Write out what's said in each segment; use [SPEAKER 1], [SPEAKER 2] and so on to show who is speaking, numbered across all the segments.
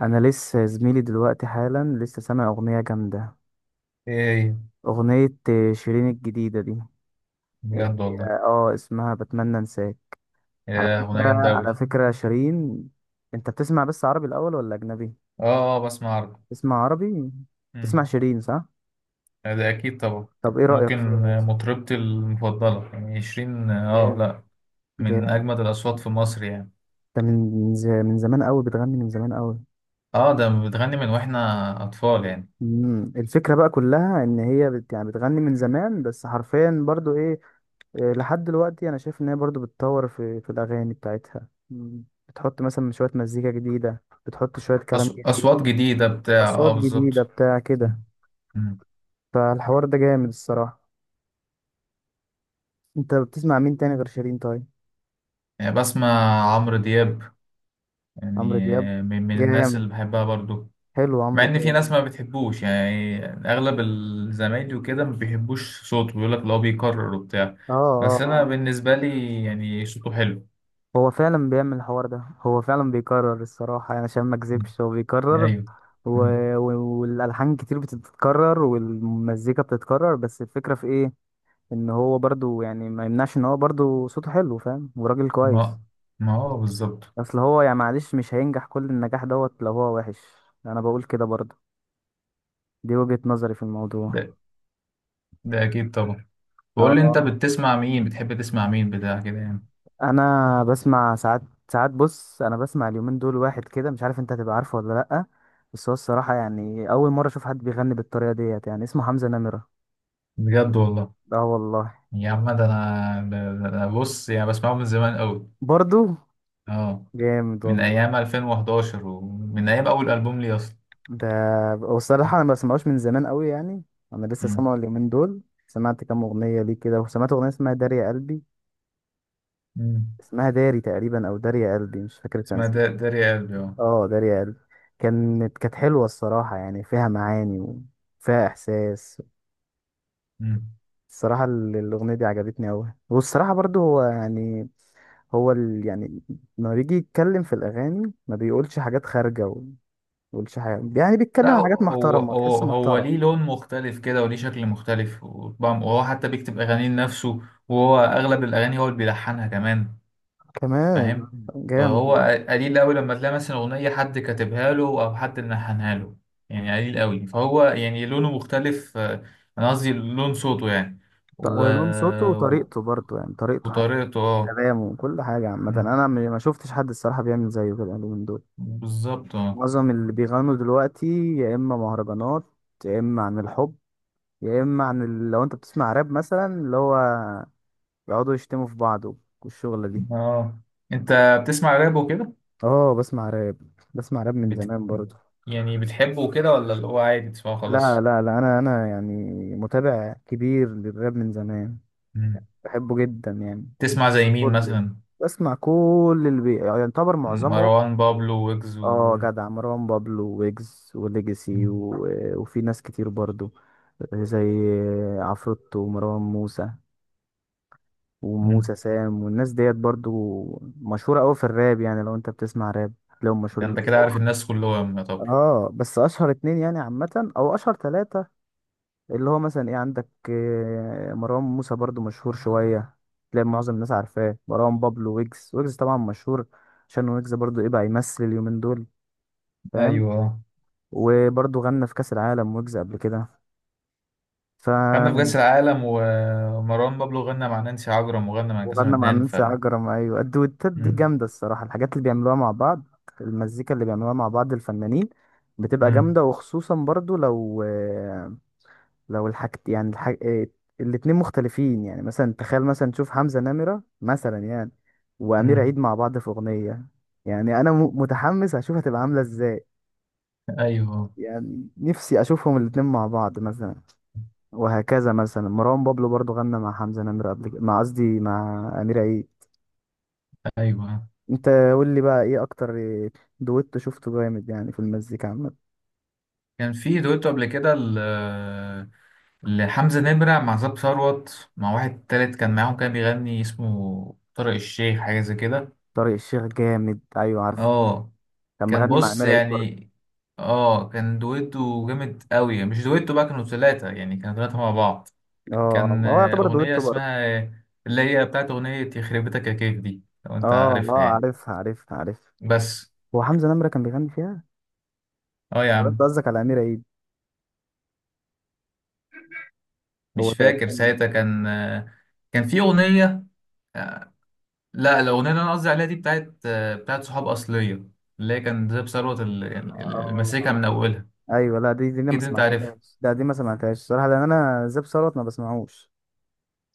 [SPEAKER 1] انا لسه زميلي دلوقتي حالا لسه سامع اغنيه جامده.
[SPEAKER 2] ايه هي؟
[SPEAKER 1] اغنيه شيرين الجديده دي. اه.
[SPEAKER 2] بجد والله.
[SPEAKER 1] اسمها بتمنى انساك. على
[SPEAKER 2] يا
[SPEAKER 1] فكره
[SPEAKER 2] اغنيه جامده
[SPEAKER 1] على
[SPEAKER 2] قوي!
[SPEAKER 1] فكره شيرين. انت بتسمع بس عربي الاول ولا اجنبي؟
[SPEAKER 2] اه، اه، بسمع عربي.
[SPEAKER 1] تسمع عربي. تسمع
[SPEAKER 2] امم.
[SPEAKER 1] شيرين، صح؟
[SPEAKER 2] ده اكيد طبعا.
[SPEAKER 1] طب ايه رايك فيها
[SPEAKER 2] ممكن،
[SPEAKER 1] أصلاً؟
[SPEAKER 2] مطربتي المفضله، يعني 20،
[SPEAKER 1] جامد.
[SPEAKER 2] لا. من
[SPEAKER 1] جامد.
[SPEAKER 2] اجمد الاصوات في مصر يعني.
[SPEAKER 1] ده من من زمان قوي، بتغني من زمان قوي.
[SPEAKER 2] اه، ده بتغني من واحنا اطفال يعني.
[SPEAKER 1] الفكره بقى كلها ان هي يعني بتغني من زمان، بس حرفيا برضو ايه. لحد دلوقتي انا شايف ان هي برضو بتطور في الاغاني بتاعتها. بتحط مثلا شويه مزيكا جديده، بتحط شويه كلام جديد،
[SPEAKER 2] اصوات جديده بتاع،
[SPEAKER 1] اصوات
[SPEAKER 2] اه،
[SPEAKER 1] جديده
[SPEAKER 2] بالظبط.
[SPEAKER 1] بتاع كده.
[SPEAKER 2] مم. مم.
[SPEAKER 1] فالحوار ده جامد الصراحه. انت بتسمع مين تاني غير شيرين طيب؟
[SPEAKER 2] يعني بسمع عمرو دياب
[SPEAKER 1] عمرو
[SPEAKER 2] يعني.
[SPEAKER 1] دياب.
[SPEAKER 2] من الناس
[SPEAKER 1] جامد.
[SPEAKER 2] اللي بحبها برضو.
[SPEAKER 1] حلو
[SPEAKER 2] مع
[SPEAKER 1] عمرو
[SPEAKER 2] ان في
[SPEAKER 1] دياب.
[SPEAKER 2] ناس ما بتحبوش، يعني اغلب الزمايلي وكده ما بيحبوش صوته، بيقول لك اللي هو بيكرر وبتاع.
[SPEAKER 1] اه، اه،
[SPEAKER 2] بس انا
[SPEAKER 1] اه.
[SPEAKER 2] بالنسبه لي يعني صوته حلو.
[SPEAKER 1] هو فعلا بيعمل الحوار ده، هو فعلا بيكرر الصراحه، يعني عشان ما
[SPEAKER 2] مم.
[SPEAKER 1] اكذبش هو بيكرر.
[SPEAKER 2] ايوه.
[SPEAKER 1] و...
[SPEAKER 2] مم.
[SPEAKER 1] و... والالحان كتير بتتكرر والمزيكا بتتكرر، بس الفكره في ايه، ان هو برضو يعني ما يمنعش ان هو برضو صوته حلو، فاهم، وراجل كويس.
[SPEAKER 2] ما ما هو بالظبط.
[SPEAKER 1] اصل هو يعني معلش مش هينجح كل النجاح دوت لو هو وحش. انا بقول كده برضو. دي وجهة نظري في الموضوع.
[SPEAKER 2] ده ده اكيد طبعا. بقول لي انت
[SPEAKER 1] اه.
[SPEAKER 2] بتسمع مين؟ بتحب تسمع مين بتاع كده يعني؟
[SPEAKER 1] انا بسمع ساعات. ساعات بص، انا بسمع اليومين دول واحد كده مش عارف انت هتبقى عارفه ولا لأ، بس هو الصراحة يعني اول مرة اشوف حد بيغني بالطريقة ديت، يعني اسمه حمزة نمرة.
[SPEAKER 2] بجد والله.
[SPEAKER 1] اه والله.
[SPEAKER 2] يا عم، ده أنا بص، يعني بسمعه من زمان قوي.
[SPEAKER 1] برضو.
[SPEAKER 2] اه،
[SPEAKER 1] جامد
[SPEAKER 2] من
[SPEAKER 1] والله.
[SPEAKER 2] ايام 2011 ومن ايام اول البوم لي اصلا.
[SPEAKER 1] ده والصراحة أنا ما بسمعوش من زمان قوي يعني. أنا لسه
[SPEAKER 2] مم.
[SPEAKER 1] سامعه اليومين دول. سمعت كام أغنية ليه كده، وسمعت أغنية اسمها داريا قلبي.
[SPEAKER 2] مم.
[SPEAKER 1] اسمها داري تقريبا، أو داريا قلبي، مش فاكر كان
[SPEAKER 2] اسمها
[SPEAKER 1] اسمها.
[SPEAKER 2] داري قلبي، اه.
[SPEAKER 1] اه، داريا قلبي. كانت حلوة الصراحة، يعني فيها معاني وفيها إحساس. الصراحة الأغنية دي عجبتني أوي. والصراحة برضو هو يعني، هو يعني لما بيجي يتكلم في الأغاني ما بيقولش حاجات خارجة، وما بيقولش حاجة، يعني بيتكلم
[SPEAKER 2] لا،
[SPEAKER 1] عن حاجات
[SPEAKER 2] هو
[SPEAKER 1] محترمة،
[SPEAKER 2] هو
[SPEAKER 1] تحسه
[SPEAKER 2] هو
[SPEAKER 1] محترم.
[SPEAKER 2] ليه لون مختلف كده، وليه شكل مختلف، وهو حتى بيكتب أغانيه لنفسه. وهو أغلب الأغاني هو اللي بيلحنها كمان.
[SPEAKER 1] كمان.
[SPEAKER 2] فاهم.
[SPEAKER 1] جامد
[SPEAKER 2] فهو
[SPEAKER 1] والله.
[SPEAKER 2] قليل أوي لما تلاقي مثلا أغنية حد كاتبها له أو حد ملحنها له. يعني قليل أوي، فهو يعني لونه مختلف، أنا قصدي لون صوته يعني.
[SPEAKER 1] ط-
[SPEAKER 2] و...
[SPEAKER 1] لون صوته وطريقته برضه، يعني طريقته حتى،
[SPEAKER 2] وطريقته، اه.
[SPEAKER 1] كلامه وكل حاجة عامة،
[SPEAKER 2] مم.
[SPEAKER 1] أنا ما شفتش حد الصراحة بيعمل زيه كده اليومين دول.
[SPEAKER 2] بالظبط، اه.
[SPEAKER 1] معظم اللي بيغنوا دلوقتي، يا إما مهرجانات، يا إما عن الحب، يا إما عن لو أنت بتسمع راب مثلا، اللي هو يقعدوا يشتموا في بعض، والشغلة دي.
[SPEAKER 2] اه، انت بتسمع راب وكده؟
[SPEAKER 1] اه. بسمع راب. بسمع راب من
[SPEAKER 2] بت...
[SPEAKER 1] زمان برضه.
[SPEAKER 2] يعني بتحبه كده، ولا اللي هو عادي تسمعه
[SPEAKER 1] لا،
[SPEAKER 2] خلاص؟
[SPEAKER 1] لا، لا، أنا يعني متابع كبير للراب من زمان.
[SPEAKER 2] مم.
[SPEAKER 1] بحبه جدا يعني.
[SPEAKER 2] تسمع زي مين
[SPEAKER 1] كله.
[SPEAKER 2] مثلا؟
[SPEAKER 1] بسمع كل يعني يعتبر معظمهم.
[SPEAKER 2] مروان بابلو، ويجز، و...
[SPEAKER 1] اه جدع، مروان بابلو، ويجز، وليجاسي
[SPEAKER 2] مم.
[SPEAKER 1] وفي ناس كتير برضو، زي عفروتو ومروان موسى وموسى
[SPEAKER 2] مم.
[SPEAKER 1] سام والناس ديت برضو. مشهورة أوي في الراب، يعني لو انت بتسمع راب تلاقيهم
[SPEAKER 2] ده
[SPEAKER 1] مشهورين،
[SPEAKER 2] انت
[SPEAKER 1] بس
[SPEAKER 2] كده عارف
[SPEAKER 1] هم.
[SPEAKER 2] الناس كلهم يا طب.
[SPEAKER 1] اه، بس اشهر اتنين يعني عامة او اشهر تلاتة، اللي هو مثلا ايه عندك، مروان موسى برضو مشهور شوية، تلاقي معظم الناس عارفاه. مروان بابلو، ويجز. ويجز طبعا مشهور، عشان ويجز برضو ايه بقى، يمثل اليومين دول، فاهم.
[SPEAKER 2] ايوه.
[SPEAKER 1] وبرضه غنى في كأس العالم ويجز قبل كده. ف
[SPEAKER 2] غنى في كأس العالم، ومروان بابلو غنى مع نانسي عجرم، وغنى مع كأس
[SPEAKER 1] وغنى مع
[SPEAKER 2] الفنان، ف...
[SPEAKER 1] نانسي عجرم، ايوه الدويتات دي
[SPEAKER 2] مم.
[SPEAKER 1] جامده الصراحه، الحاجات اللي بيعملوها مع بعض، المزيكا اللي بيعملوها مع بعض الفنانين بتبقى
[SPEAKER 2] مم.
[SPEAKER 1] جامده، وخصوصا برضو لو الحاجت يعني الاتنين مختلفين. يعني مثلا تخيل، مثلا تشوف حمزه نمره مثلا يعني، وامير
[SPEAKER 2] مم.
[SPEAKER 1] عيد مع بعض في اغنيه. يعني انا متحمس اشوف هتبقى عامله ازاي.
[SPEAKER 2] ايوه.
[SPEAKER 1] يعني نفسي اشوفهم الاتنين مع بعض مثلا. وهكذا، مثلا مروان بابلو برضو غنى مع حمزة نمرة قبل كده، مع قصدي مع أمير عيد.
[SPEAKER 2] ايوه.
[SPEAKER 1] انت قول لي بقى ايه اكتر دويتو شفته جامد يعني في المزيكا عامة؟
[SPEAKER 2] كان في دويتو قبل كده لحمزة نمرة مع زاب ثروت، مع واحد تالت كان معاهم، كان بيغني، اسمه طارق الشيخ، حاجة زي كده.
[SPEAKER 1] طارق الشيخ جامد، ايوه عارفه.
[SPEAKER 2] اه.
[SPEAKER 1] كان
[SPEAKER 2] كان
[SPEAKER 1] مغني مع
[SPEAKER 2] بص
[SPEAKER 1] أمير عيد برضه.
[SPEAKER 2] يعني. اه، كان دويتو جامد قوي. مش دويتو بقى، كانوا ثلاثة، يعني كانوا ثلاثة مع بعض.
[SPEAKER 1] اه،
[SPEAKER 2] كان
[SPEAKER 1] هو يعتبر
[SPEAKER 2] أغنية
[SPEAKER 1] دويتو برضه.
[SPEAKER 2] اسمها، اللي هي بتاعت أغنية يخرب بيتك يا كيف دي، لو أنت
[SPEAKER 1] اه،
[SPEAKER 2] عارفها
[SPEAKER 1] اه،
[SPEAKER 2] يعني.
[SPEAKER 1] عارفها، عارفها، عارفها.
[SPEAKER 2] بس.
[SPEAKER 1] هو حمزة نمرة كان بيغني فيها.
[SPEAKER 2] اه، يا
[SPEAKER 1] طب انت
[SPEAKER 2] عم.
[SPEAKER 1] قصدك على أمير عيد؟ هو
[SPEAKER 2] مش فاكر
[SPEAKER 1] تقريبا.
[SPEAKER 2] ساعتها، كان في أغنية آه، لا، الأغنية اللي أنا قصدي عليها دي بتاعت صحاب أصلية، اللي هي كان زي ثروت، اللي ماسكها من
[SPEAKER 1] اه.
[SPEAKER 2] أولها.
[SPEAKER 1] ايوه. لا، دي انا ما
[SPEAKER 2] أكيد أنت عارفها.
[SPEAKER 1] سمعتهاش، لا دي ما سمعتهاش صراحة، لان انا زاب ثروت ما بسمعوش.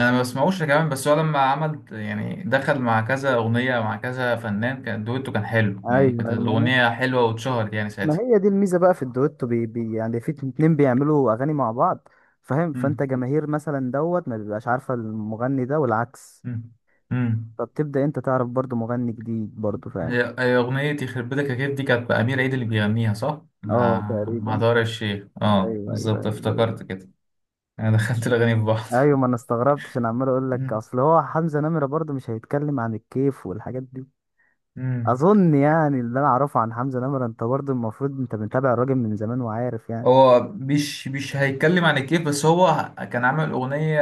[SPEAKER 2] انا ما بسمعوش كمان، بس هو لما عمل، يعني دخل مع كذا اغنيه مع كذا فنان، كان دويتو كان حلو يعني،
[SPEAKER 1] ايوه.
[SPEAKER 2] كانت
[SPEAKER 1] ايوه.
[SPEAKER 2] الاغنيه حلوه واتشهرت يعني
[SPEAKER 1] ما
[SPEAKER 2] ساعتها.
[SPEAKER 1] هي دي الميزه بقى في الدويتو، بي بي يعني في اتنين بيعملوا اغاني مع بعض، فاهم. فانت
[SPEAKER 2] مم.
[SPEAKER 1] جماهير مثلا دوت ما بيبقاش عارفه المغني ده، والعكس.
[SPEAKER 2] مم. امم.
[SPEAKER 1] فبتبدا انت تعرف برضو مغني جديد برضو، فاهم.
[SPEAKER 2] هي اغنيه يخرب بيتك يا كيف دي كانت بامير عيد اللي بيغنيها، صح؟ مع...
[SPEAKER 1] اه،
[SPEAKER 2] مع
[SPEAKER 1] تقريبا.
[SPEAKER 2] دار الشيخ، اه
[SPEAKER 1] ايوه، ايوه،
[SPEAKER 2] بالظبط،
[SPEAKER 1] ايوه، ايوه.
[SPEAKER 2] افتكرت كده. انا دخلت الاغاني في بعض.
[SPEAKER 1] أيوه، ما انا استغربت، عشان عمال اقول لك
[SPEAKER 2] مم.
[SPEAKER 1] اصل هو حمزه نمره برضو مش هيتكلم عن الكيف والحاجات دي.
[SPEAKER 2] مم.
[SPEAKER 1] اظن يعني اللي انا اعرفه عن حمزه نمره، انت برضو المفروض انت متابع الراجل من زمان وعارف يعني.
[SPEAKER 2] هو مش هيتكلم عن الكيف. بس هو، كان عامل أغنية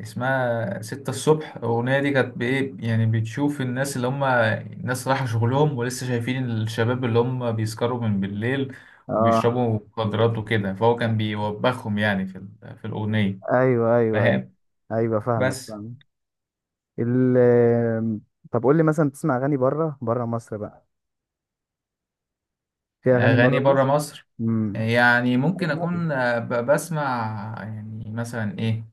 [SPEAKER 2] اسمها ستة الصبح. الأغنية دي كانت بإيه؟ يعني بتشوف الناس اللي هم الناس رايحة شغلهم، ولسه شايفين الشباب اللي هم بيسكروا من بالليل،
[SPEAKER 1] اه،
[SPEAKER 2] وبيشربوا مخدرات وكده، فهو كان بيوبخهم يعني في في الأغنية.
[SPEAKER 1] ايوه، ايوه، ايوه،
[SPEAKER 2] فاهم.
[SPEAKER 1] ايوه، فاهمك،
[SPEAKER 2] بس.
[SPEAKER 1] فاهمك. ال طب قول لي مثلا تسمع اغاني بره مصر بقى؟ في اغاني
[SPEAKER 2] أغاني
[SPEAKER 1] بره
[SPEAKER 2] برا
[SPEAKER 1] مصر.
[SPEAKER 2] مصر؟
[SPEAKER 1] امم
[SPEAKER 2] يعني ممكن
[SPEAKER 1] اجنبي.
[SPEAKER 2] أكون بسمع يعني مثلا إيه،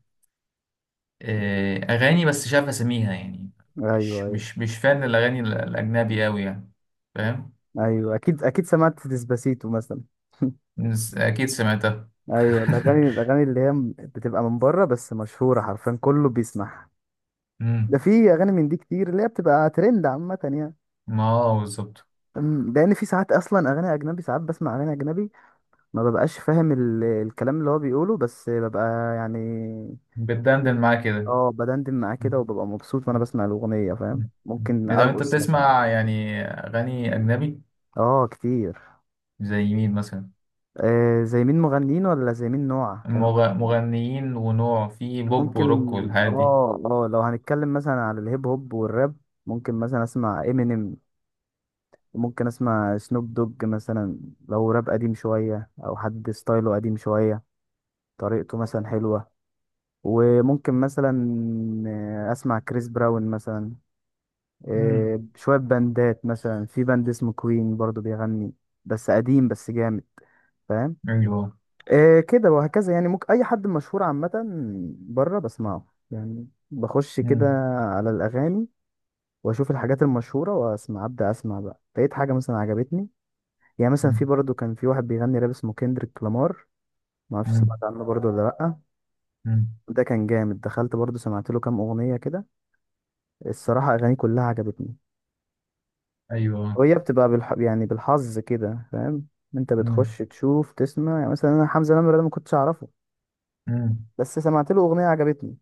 [SPEAKER 2] اغاني، بس مش عارف اسميها يعني.
[SPEAKER 1] ايوه،
[SPEAKER 2] مش
[SPEAKER 1] ايوه،
[SPEAKER 2] مش مش فان الاغاني الاجنبي قوي يعني. فاهم.
[SPEAKER 1] ايوه. اكيد، اكيد سمعت ديسباسيتو مثلا.
[SPEAKER 2] اكيد سمعتها.
[SPEAKER 1] ايوه، الاغاني اللي هي بتبقى من بره بس مشهوره حرفيا كله بيسمعها. ده
[SPEAKER 2] مم.
[SPEAKER 1] في اغاني من دي كتير اللي هي بتبقى ترند عامه يعني.
[SPEAKER 2] ما هو بالظبط.
[SPEAKER 1] لان في ساعات اصلا اغاني اجنبي، ساعات بسمع اغاني اجنبي ما ببقاش فاهم الكلام اللي هو بيقوله، بس ببقى يعني.
[SPEAKER 2] بتدندن معاه كده.
[SPEAKER 1] اه بدندن معاه
[SPEAKER 2] مم.
[SPEAKER 1] كده، وببقى مبسوط وانا بسمع الاغنيه، فاهم،
[SPEAKER 2] مم.
[SPEAKER 1] ممكن
[SPEAKER 2] اذا انت
[SPEAKER 1] ارقص مثلا.
[SPEAKER 2] بتسمع يعني اغاني اجنبي،
[SPEAKER 1] اه، كتير.
[SPEAKER 2] زي مين مثلا؟
[SPEAKER 1] آه، زي مين؟ مغنيين ولا زي مين نوع كانوا؟
[SPEAKER 2] مغنيين ونوع، في بوب
[SPEAKER 1] ممكن.
[SPEAKER 2] وروك والحاجات دي.
[SPEAKER 1] اه، اه، لو هنتكلم مثلا على الهيب هوب والراب، ممكن مثلا اسمع امينيم، وممكن اسمع سنوب دوج مثلا، لو راب قديم شويه او حد ستايله قديم شويه، طريقته مثلا حلوه. وممكن مثلا اسمع كريس براون مثلا.
[SPEAKER 2] مم.
[SPEAKER 1] شوية باندات مثلا، في باند اسمه كوين برضو بيغني، بس قديم بس جامد، فاهم.
[SPEAKER 2] ايوه.
[SPEAKER 1] كده وهكذا، يعني ممكن أي حد مشهور عامة بره بسمعه، يعني بخش كده
[SPEAKER 2] مم.
[SPEAKER 1] على الأغاني، وأشوف الحاجات المشهورة وأسمع، أبدأ أسمع بقى لقيت حاجة مثلا عجبتني. يعني مثلا
[SPEAKER 2] مم.
[SPEAKER 1] في برضو كان في واحد بيغني راب اسمه كندريك لامار. معرفش
[SPEAKER 2] مم.
[SPEAKER 1] سمعت عنه برضو ولا لأ.
[SPEAKER 2] مم.
[SPEAKER 1] ده كان جامد، دخلت برضو سمعت له كام أغنية كده، الصراحة أغانيه كلها عجبتني.
[SPEAKER 2] ايوه.
[SPEAKER 1] وهي بتبقى يعني بالحظ كده، فاهم. انت
[SPEAKER 2] مم.
[SPEAKER 1] بتخش تشوف تسمع، يعني مثلا انا حمزة نمرة ده ما كنتش اعرفه،
[SPEAKER 2] مم.
[SPEAKER 1] بس سمعت له اغنية عجبتني.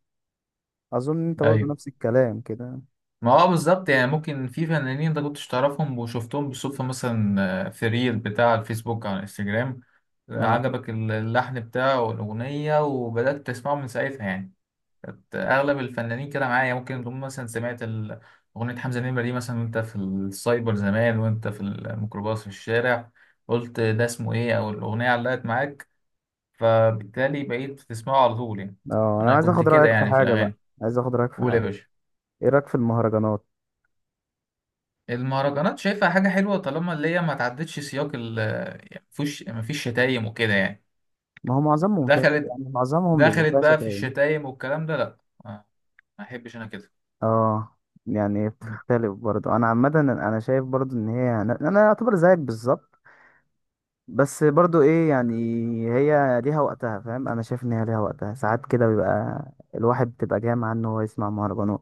[SPEAKER 1] اظن انت برضو
[SPEAKER 2] ايوه.
[SPEAKER 1] نفس الكلام كده.
[SPEAKER 2] ما هو بالظبط. يعني ممكن في فنانين انت كنتش تعرفهم، وشفتهم بالصدفة مثلا، في ريل بتاع الفيسبوك على الانستجرام،
[SPEAKER 1] اه،
[SPEAKER 2] عجبك اللحن بتاعه والأغنية، وبدأت تسمعه من ساعتها يعني. أغلب الفنانين كده معايا. ممكن تكون مثلا سمعت أغنية حمزة نمرة دي مثلا، وأنت في السايبر زمان، وأنت في الميكروباص في الشارع، قلت ده اسمه إيه، أو الأغنية علقت معاك، فبالتالي بقيت بتسمعه على طول يعني.
[SPEAKER 1] اه. انا
[SPEAKER 2] أنا
[SPEAKER 1] عايز
[SPEAKER 2] كنت
[SPEAKER 1] اخد
[SPEAKER 2] كده
[SPEAKER 1] رأيك في
[SPEAKER 2] يعني في
[SPEAKER 1] حاجة بقى.
[SPEAKER 2] الأغاني.
[SPEAKER 1] عايز اخد رأيك في
[SPEAKER 2] قول يا
[SPEAKER 1] حاجة.
[SPEAKER 2] باشا.
[SPEAKER 1] ايه رأيك في المهرجانات؟
[SPEAKER 2] المهرجانات شايفها حاجة حلوة، طالما اللي هي ما تعدتش سياق ال... يعني مفيش شتايم وكده يعني.
[SPEAKER 1] ما هو معظمهم فاهم،
[SPEAKER 2] دخلت
[SPEAKER 1] يعني معظمهم بيبقى
[SPEAKER 2] دخلت
[SPEAKER 1] فيها
[SPEAKER 2] بقى في
[SPEAKER 1] شتايم.
[SPEAKER 2] الشتايم والكلام ده، لا. ما ما احبش انا كده.
[SPEAKER 1] اه، يعني بتختلف برضو. انا عامة انا شايف برضو ان هي، انا اعتبر زيك بالظبط، بس برضو ايه يعني، هي ليها وقتها، فاهم. انا شايف ان هي ليها وقتها ساعات كده، بيبقى الواحد بتبقى جاي معاه ان هو يسمع مهرجانات.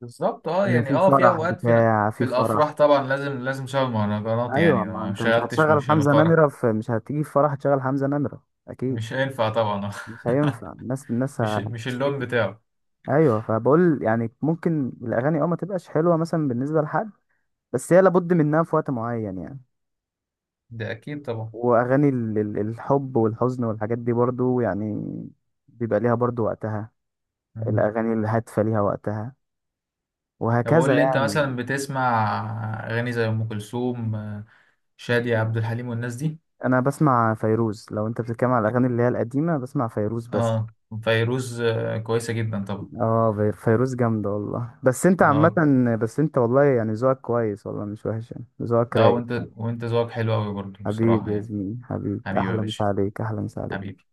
[SPEAKER 2] بالظبط، اه. يعني
[SPEAKER 1] في
[SPEAKER 2] اه، في
[SPEAKER 1] فرح
[SPEAKER 2] اوقات، في...
[SPEAKER 1] بتاع،
[SPEAKER 2] في
[SPEAKER 1] في
[SPEAKER 2] الافراح
[SPEAKER 1] فرح.
[SPEAKER 2] طبعا لازم لازم شغل مهرجانات
[SPEAKER 1] ايوه،
[SPEAKER 2] يعني، لو
[SPEAKER 1] ما
[SPEAKER 2] ما
[SPEAKER 1] انت مش
[SPEAKER 2] شغلتش
[SPEAKER 1] هتشغل
[SPEAKER 2] مش هيبقى
[SPEAKER 1] حمزة
[SPEAKER 2] فرح.
[SPEAKER 1] نمرة في، مش هتيجي في فرح تشغل حمزة نمرة. اكيد.
[SPEAKER 2] مش هينفع طبعا.
[SPEAKER 1] مش هينفع، الناس
[SPEAKER 2] مش اللون
[SPEAKER 1] هتشتكي.
[SPEAKER 2] بتاعه.
[SPEAKER 1] ايوه فبقول يعني ممكن الاغاني ما تبقاش حلوه مثلا بالنسبه لحد، بس هي لابد منها في وقت معين يعني.
[SPEAKER 2] ده اكيد طبعا.
[SPEAKER 1] واغاني الحب والحزن والحاجات دي برضو يعني بيبقى ليها برضو وقتها.
[SPEAKER 2] مم.
[SPEAKER 1] الأغاني الهادفة ليها وقتها،
[SPEAKER 2] طب
[SPEAKER 1] وهكذا
[SPEAKER 2] قول لي، انت مثلا
[SPEAKER 1] يعني.
[SPEAKER 2] بتسمع اغاني زي ام كلثوم، شادية، عبد الحليم والناس دي؟
[SPEAKER 1] أنا بسمع فيروز لو أنت بتتكلم على الأغاني اللي هي القديمة. بسمع فيروز بس.
[SPEAKER 2] اه، فيروز، كويسة جدا طبعا.
[SPEAKER 1] اه، فيروز جامدة والله. بس أنت عامة،
[SPEAKER 2] اه.
[SPEAKER 1] بس أنت والله يعني ذوقك كويس والله، مش وحش يعني، ذوقك
[SPEAKER 2] اه،
[SPEAKER 1] رايق
[SPEAKER 2] وانت
[SPEAKER 1] يعني.
[SPEAKER 2] وانت ذوقك حلو قوي برضه
[SPEAKER 1] حبيبي
[SPEAKER 2] بصراحة
[SPEAKER 1] يا
[SPEAKER 2] يعني.
[SPEAKER 1] زميلي، حبيبي،
[SPEAKER 2] حبيبي يا
[SPEAKER 1] أحلى مسا
[SPEAKER 2] باشا.
[SPEAKER 1] عليك، أحلى مسا عليك.
[SPEAKER 2] حبيبي.